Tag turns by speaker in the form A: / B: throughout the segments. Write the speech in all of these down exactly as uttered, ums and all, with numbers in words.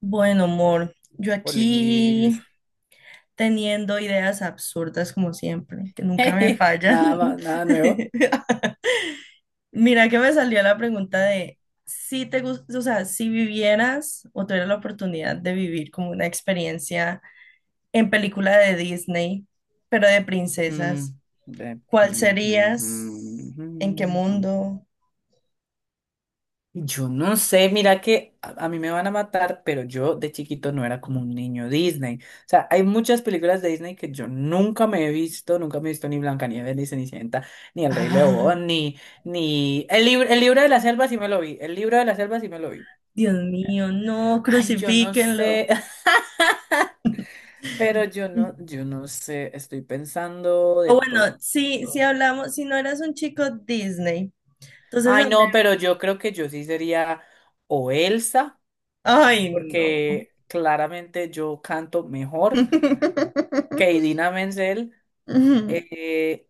A: Bueno, amor, yo aquí
B: Olis.
A: teniendo ideas absurdas como siempre, que nunca me fallan.
B: Nada más, nada nuevo.
A: Mira que me salió la pregunta de si te gusta, o sea, si vivieras o tuvieras la oportunidad de vivir como una experiencia en película de Disney, pero de princesas,
B: Mm, de-
A: ¿cuál
B: mm, mm,
A: serías?
B: mm,
A: ¿En qué
B: mm, mm.
A: mundo?
B: Yo no sé, mira que a, a mí me van a matar, pero yo de chiquito no era como un niño Disney. O sea, hay muchas películas de Disney que yo nunca me he visto, nunca me he visto ni Blancanieves, ni Cenicienta, ni El Rey
A: Ah,
B: León, ni, ni... El libro, el libro de la selva sí me lo vi, el libro de la selva sí me lo vi.
A: Dios mío, no,
B: Ay, yo no
A: crucifíquenlo.
B: sé. Pero yo no, yo no sé, estoy pensando
A: O
B: de
A: bueno,
B: pronto.
A: si, si hablamos, si no eras un chico Disney, entonces
B: Ay, no,
A: hablé.
B: pero yo creo que yo sí sería o Elsa,
A: Ay, no.
B: porque claramente yo canto mejor que Idina Menzel.
A: Ujú,
B: eh,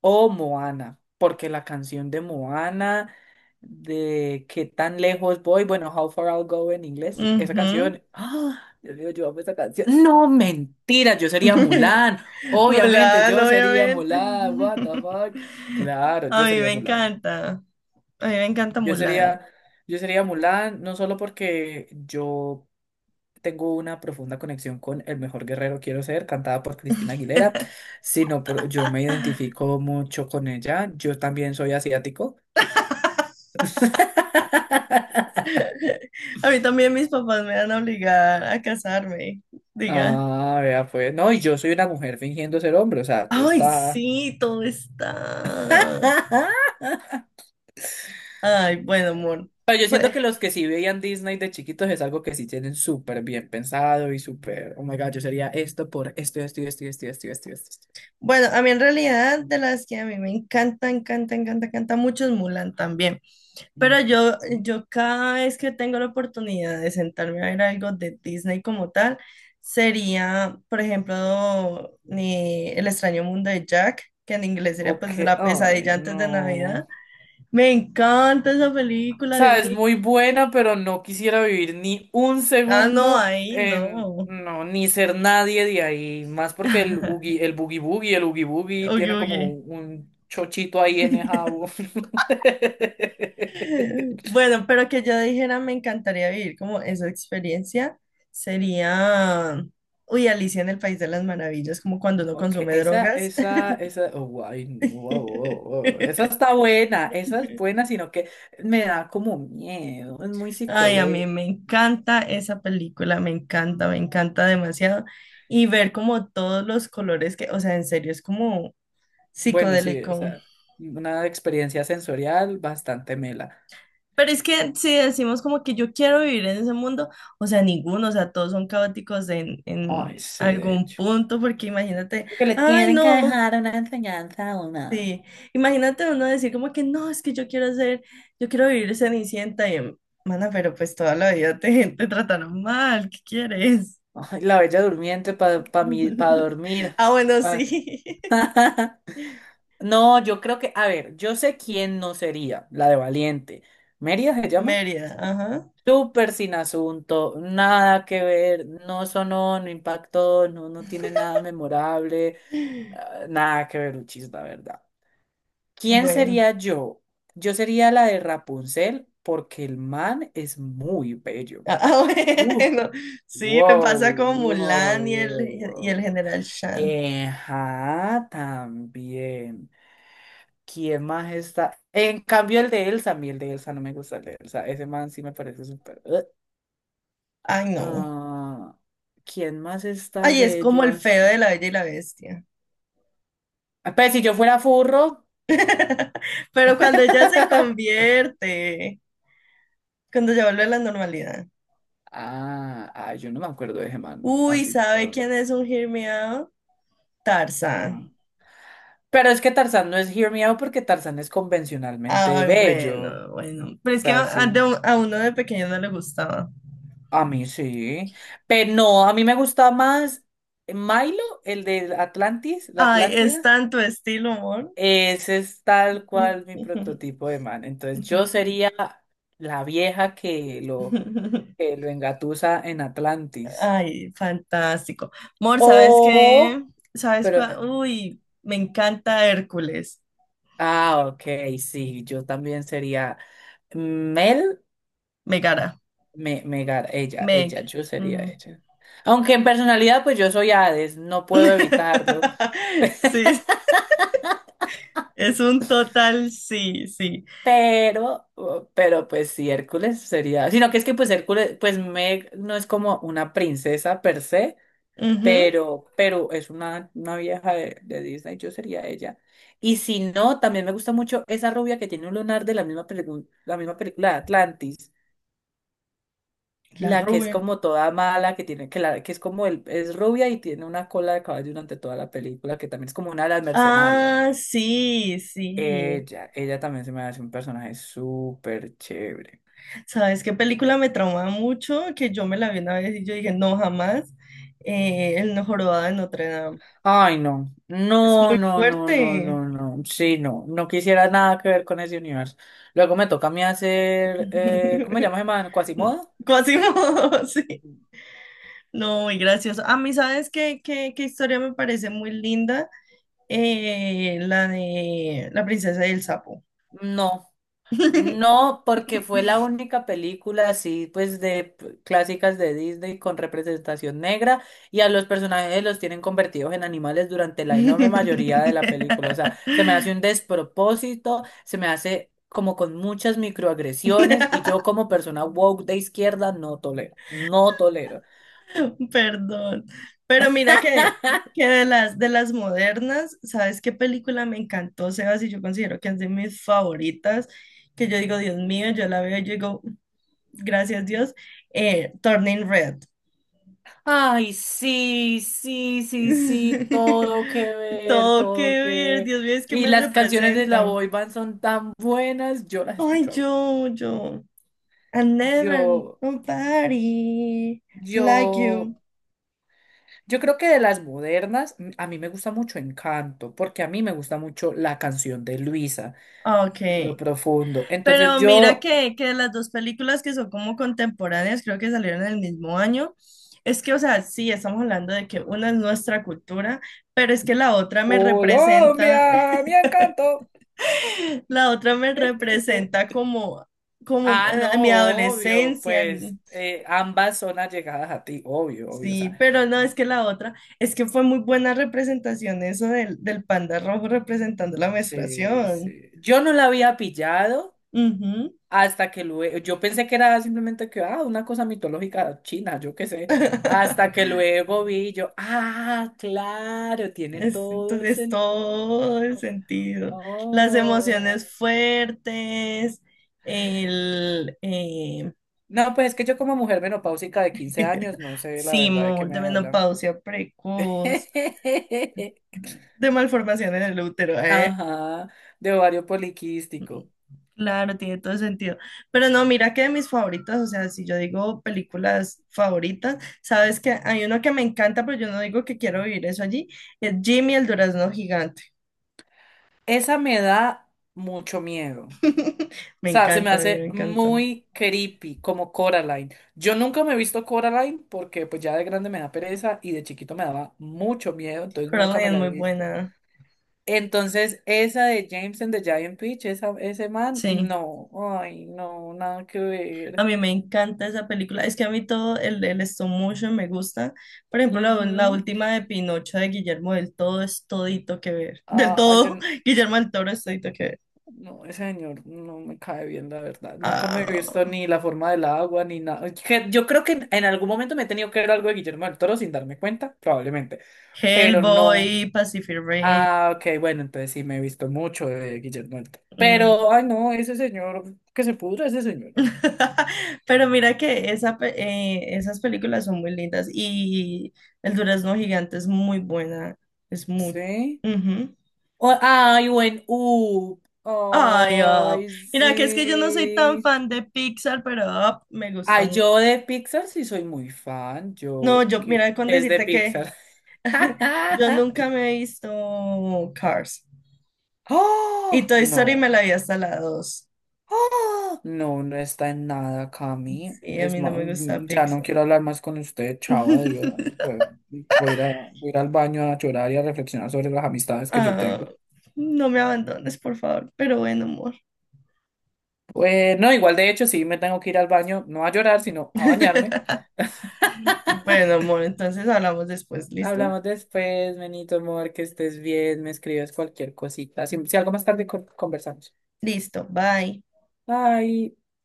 B: o Moana, porque la canción de Moana, de qué tan lejos voy, bueno, How Far I'll Go en inglés, esa
A: ujú.
B: canción, ¡ah! Dios mío, yo amo esa canción. No, mentira, yo sería Mulan, obviamente,
A: Mulan,
B: yo sería
A: obviamente.
B: Mulan, what the fuck. Claro,
A: A
B: yo
A: mí
B: sería
A: me
B: Mulan.
A: encanta. A mí me encanta
B: Yo
A: Mulan.
B: sería, yo sería Mulan, no solo porque yo tengo una profunda conexión con El mejor guerrero quiero ser, cantada por Cristina Aguilera, sino pero yo me identifico mucho con ella. Yo también soy asiático.
A: A mí también mis papás me van a obligar a casarme. Diga.
B: Ah, vea, pues, no, y yo soy una mujer fingiendo ser hombre, o sea, tú
A: Ay,
B: está.
A: sí, todo está. Ay, bueno, amor.
B: Pero yo
A: Pues,
B: siento que los que sí veían Disney de chiquitos es algo que sí tienen súper bien pensado y súper, oh my God, yo sería esto por esto, esto, esto, esto, esto, esto, esto, esto. Esto".
A: bueno, a mí en realidad de las que a mí me encanta, encanta, encanta, encanta mucho es Mulan también. Pero
B: Ujú.
A: yo, yo cada vez que tengo la oportunidad de sentarme a ver algo de Disney como tal, sería, por ejemplo, ni El extraño mundo de Jack, que en inglés sería pues
B: Ok,
A: La
B: ay,
A: pesadilla antes de Navidad.
B: no.
A: Me encanta esa
B: O
A: película, Dios
B: sea, es
A: mío.
B: muy buena, pero no quisiera vivir ni un
A: Ah, no,
B: segundo
A: ahí
B: en...
A: no.
B: No, ni ser nadie de ahí. Más porque el, ugi- el Boogie Boogie, el Oogie Boogie
A: Oye,
B: tiene como
A: oye.
B: un, un chochito ahí en el jabo.
A: Bueno, pero que yo dijera me encantaría vivir como esa experiencia sería, uy, Alicia en el País de las Maravillas, como cuando uno
B: Ok,
A: consume
B: esa,
A: drogas.
B: esa, esa, oh, guay, wow, wow, wow. Esa está buena, esa es buena, sino que me da como miedo, es muy
A: Ay, a mí
B: psicodélico.
A: me encanta esa película, me encanta, me encanta demasiado. Y ver como todos los colores que, o sea, en serio, es como
B: Bueno, sí, o
A: psicodélico.
B: sea una experiencia sensorial bastante mela.
A: Pero es que si decimos como que yo quiero vivir en ese mundo, o sea, ninguno, o sea, todos son caóticos en,
B: Ay,
A: en
B: sí, de
A: algún
B: hecho.
A: punto, porque imagínate,
B: Porque le
A: ay,
B: tienen que
A: no,
B: dejar una enseñanza a una.
A: sí, imagínate uno decir como que no, es que yo quiero ser, yo quiero vivir Cenicienta y, mana, pero pues toda la vida te, te trataron mal, ¿qué quieres?
B: Ay, la Bella Durmiente para pa, mi- pa dormir.
A: Ah, bueno,
B: Pa-
A: sí,
B: No, yo creo que, a ver, yo sé quién no sería, la de Valiente. Mérida se llama.
A: Mérida, ajá.
B: Súper sin asunto, nada que ver, no sonó, no impactó, no, no tiene nada memorable, ah, nada que ver, Uchis, la verdad. ¿Quién
A: Bueno,
B: sería yo? Yo sería la de Rapunzel porque el man es muy bello.
A: ah, ah,
B: Uh,
A: bueno, sí, me
B: wow,
A: pasa con
B: wow,
A: Mulan y
B: wow,
A: el,
B: wow,
A: y el
B: wow.
A: general Shan.
B: Eh, ajá, también. ¿Quién más está? En cambio, el de Elsa, a mí el de Elsa no me gusta, el de Elsa. Ese man sí me parece súper. eh.
A: Ay, no.
B: Ah, ¿quién más está
A: Ay, es
B: bello
A: como el feo
B: así?
A: de la Bella y la Bestia.
B: Ah, pues si yo fuera furro.
A: Pero cuando ya se convierte, cuando ya vuelve a la normalidad.
B: Ah, ah, yo no me acuerdo de ese man.
A: Uy,
B: Así
A: ¿sabe
B: por.
A: quién es un Hear Me Out? Tarzán.
B: Ajá. Pero es que Tarzán no es Hear Me Out porque Tarzán es convencionalmente
A: Ay,
B: bello.
A: bueno, bueno. Pero es que a, a
B: Casi.
A: de un- a uno de pequeño no le gustaba.
B: A mí sí. Pero no, a mí me gusta más Milo, el de Atlantis, la
A: Ay, es
B: Atlántida.
A: tanto estilo, amor.
B: Ese es tal cual mi prototipo de man. Entonces yo sería la vieja que lo, que lo engatusa en Atlantis.
A: Ay, fantástico. Mor, ¿sabes qué?
B: O,
A: ¿Sabes
B: pero, eh,
A: cuál? Uy, me encanta Hércules.
B: ah, ok, sí, yo también sería Mel,
A: Megara.
B: me, Megar, ella, ella,
A: Meg.
B: yo sería ella. Aunque en personalidad, pues yo soy Hades, no puedo evitarlo.
A: Sí, es un total sí, sí.
B: Pero, uh, pero pues sí, Hércules sería, sino que es que pues Hércules, pues Meg no es como una princesa per se,
A: Ujú.
B: pero, pero es una, una vieja de, de Disney, yo sería ella. Y si no, también me gusta mucho esa rubia que tiene un lunar de la misma película, la misma película de Atlantis,
A: La
B: la que es
A: rubia.
B: como toda mala, que tiene, que la, que es como el, es rubia y tiene una cola de caballo durante toda la película, que también es como una de las mercenarias.
A: Ah, sí, sí.
B: Ella, ella también se me hace un personaje súper chévere.
A: ¿Sabes qué película me traumaba mucho? Que yo me la vi una vez y yo dije, no, jamás. Eh, El no jorobado de Notre Dame.
B: Ay, no.
A: Es
B: No,
A: muy
B: no, no, no,
A: fuerte.
B: no, no. Sí, no. No quisiera nada que ver con ese universo. Luego me toca a mí hacer, eh, ¿cómo se llama ese man? ¿Quasimodo?
A: Quasimodo, sí. No, muy gracioso. A mí, ¿sabes qué, qué, qué historia me parece muy linda? Eh, la de la princesa y el sapo.
B: No. No, porque fue la única película así, pues de p- clásicas de Disney con representación negra y a los personajes los tienen convertidos en animales durante la enorme mayoría de la película. O sea, se me hace un despropósito, se me hace como con muchas microagresiones y yo como persona woke de izquierda no tolero, no tolero.
A: Perdón. Pero mira que, que de las, de las modernas, ¿sabes qué película me encantó, Sebas? Y yo considero que es de mis favoritas, que yo digo, Dios mío, yo la veo y yo digo, gracias Dios, eh, Turning Red.
B: Ay, sí, sí, sí, sí, todo que ver,
A: Todo que
B: todo que
A: ver,
B: ver.
A: Dios mío, es que
B: Y
A: me
B: las canciones de la
A: representan.
B: boy band son tan buenas, yo las
A: Ay,
B: escucho.
A: yo, yo. I never
B: Yo,
A: nobody like you.
B: yo, yo creo que de las modernas, m- a mí me gusta mucho Encanto, porque a mí me gusta mucho la canción de Luisa,
A: Ok.
B: en lo profundo. Entonces
A: Pero mira
B: yo,
A: que, que las dos películas que son como contemporáneas, creo que salieron en el mismo año. Es que, o sea, sí, estamos hablando de que una es nuestra cultura, pero es que la otra me representa,
B: Colombia, mi encanto.
A: la otra me representa como, como
B: Ah,
A: eh,
B: no,
A: a mi
B: obvio,
A: adolescencia.
B: pues eh, ambas son allegadas a ti, obvio, obvio, o
A: Sí,
B: sea,
A: pero no, es que la otra, es que fue muy buena representación eso del, del panda rojo representando la
B: sí,
A: menstruación.
B: sí. Yo no la había pillado.
A: Ujú.
B: Hasta que luego, yo pensé que era simplemente que, ah, una cosa mitológica china, yo qué sé. Hasta que luego vi y yo, ah, claro, tiene
A: Es,
B: todo el
A: entonces todo el
B: sentido.
A: sentido. Las
B: Oh.
A: emociones fuertes, el eh,
B: No, pues es que yo como mujer menopáusica de quince años, no sé la verdad de qué
A: simul de
B: me hablan.
A: menopausia precoz, de malformación en el útero, ¿eh?
B: Ajá, de ovario poliquístico.
A: Claro, tiene todo el sentido. Pero no, mira que de mis favoritas, o sea, si yo digo películas favoritas, sabes que hay uno que me encanta, pero yo no digo que quiero vivir eso allí, es Jimmy el Durazno Gigante.
B: Esa me da mucho miedo. O
A: Me
B: sea, se me
A: encanta, a mí me
B: hace
A: encanta.
B: muy creepy, como Coraline. Yo nunca me he visto Coraline porque pues ya de grande me da pereza y de chiquito me daba mucho miedo, entonces nunca
A: Coraline
B: me
A: es
B: la he
A: muy
B: visto.
A: buena.
B: Entonces, esa de James and the Giant Peach, esa, ese man,
A: Sí.
B: no, ay, no, nada que
A: A
B: ver.
A: mí me encanta esa película. Es que a mí todo el, el stop motion me gusta. Por ejemplo, la, la
B: Ujú.
A: última de Pinocho de Guillermo del Todo es todito que ver. Del
B: Ah, ah, yo
A: todo,
B: no,
A: Guillermo del Toro es todito que ver.
B: No, ese señor no me cae bien, la verdad. Nunca me he visto
A: Ah,
B: ni la forma del agua, ni nada. Que yo creo que en en algún momento me he tenido que ver algo de Guillermo del Toro sin darme cuenta, probablemente, pero no.
A: Hellboy, Pacific Rim.
B: Ah, ok, bueno, entonces sí me he visto mucho de Guillermo del Toro.
A: Mm.
B: Pero, ay no, ese señor, que se pudra ese señor.
A: Pero mira que esa, pe- eh, esas películas son muy lindas y El Durazno Gigante es muy buena. Es muy...
B: Sí. O- ay, buen U.
A: Ay, Up.
B: Ay,
A: Mira, que es que yo no soy tan
B: sí.
A: fan de Pixar, pero Up me gusta
B: Ay,
A: mucho.
B: yo de Pixar sí soy muy fan.
A: No,
B: Yo,
A: yo,
B: ¿qué?
A: mira, con
B: ¿Qué es de
A: decirte que
B: Pixar?
A: yo nunca me he visto Cars.
B: ¡Oh!
A: Y Toy Story me la vi
B: No.
A: hasta la dos.
B: ¡Ah! No, no está en nada, Cami.
A: Sí, a
B: Es
A: mí no
B: ma-
A: me gusta
B: mm, ya no
A: Pixar.
B: quiero hablar más con usted, chao, adiós. Yo voy a ir a- voy a ir al baño a llorar y a reflexionar sobre las amistades que yo
A: Ah,
B: tengo.
A: no me abandones, por favor. Pero bueno, amor.
B: Bueno, igual de hecho, sí, me tengo que ir al baño, no a llorar, sino a bañarme.
A: Bueno, amor, entonces hablamos después, ¿listo?
B: Hablamos después, Benito, amor, que estés bien, me escribes cualquier cosita. Si, si algo más tarde con- conversamos.
A: Listo, bye.
B: Bye.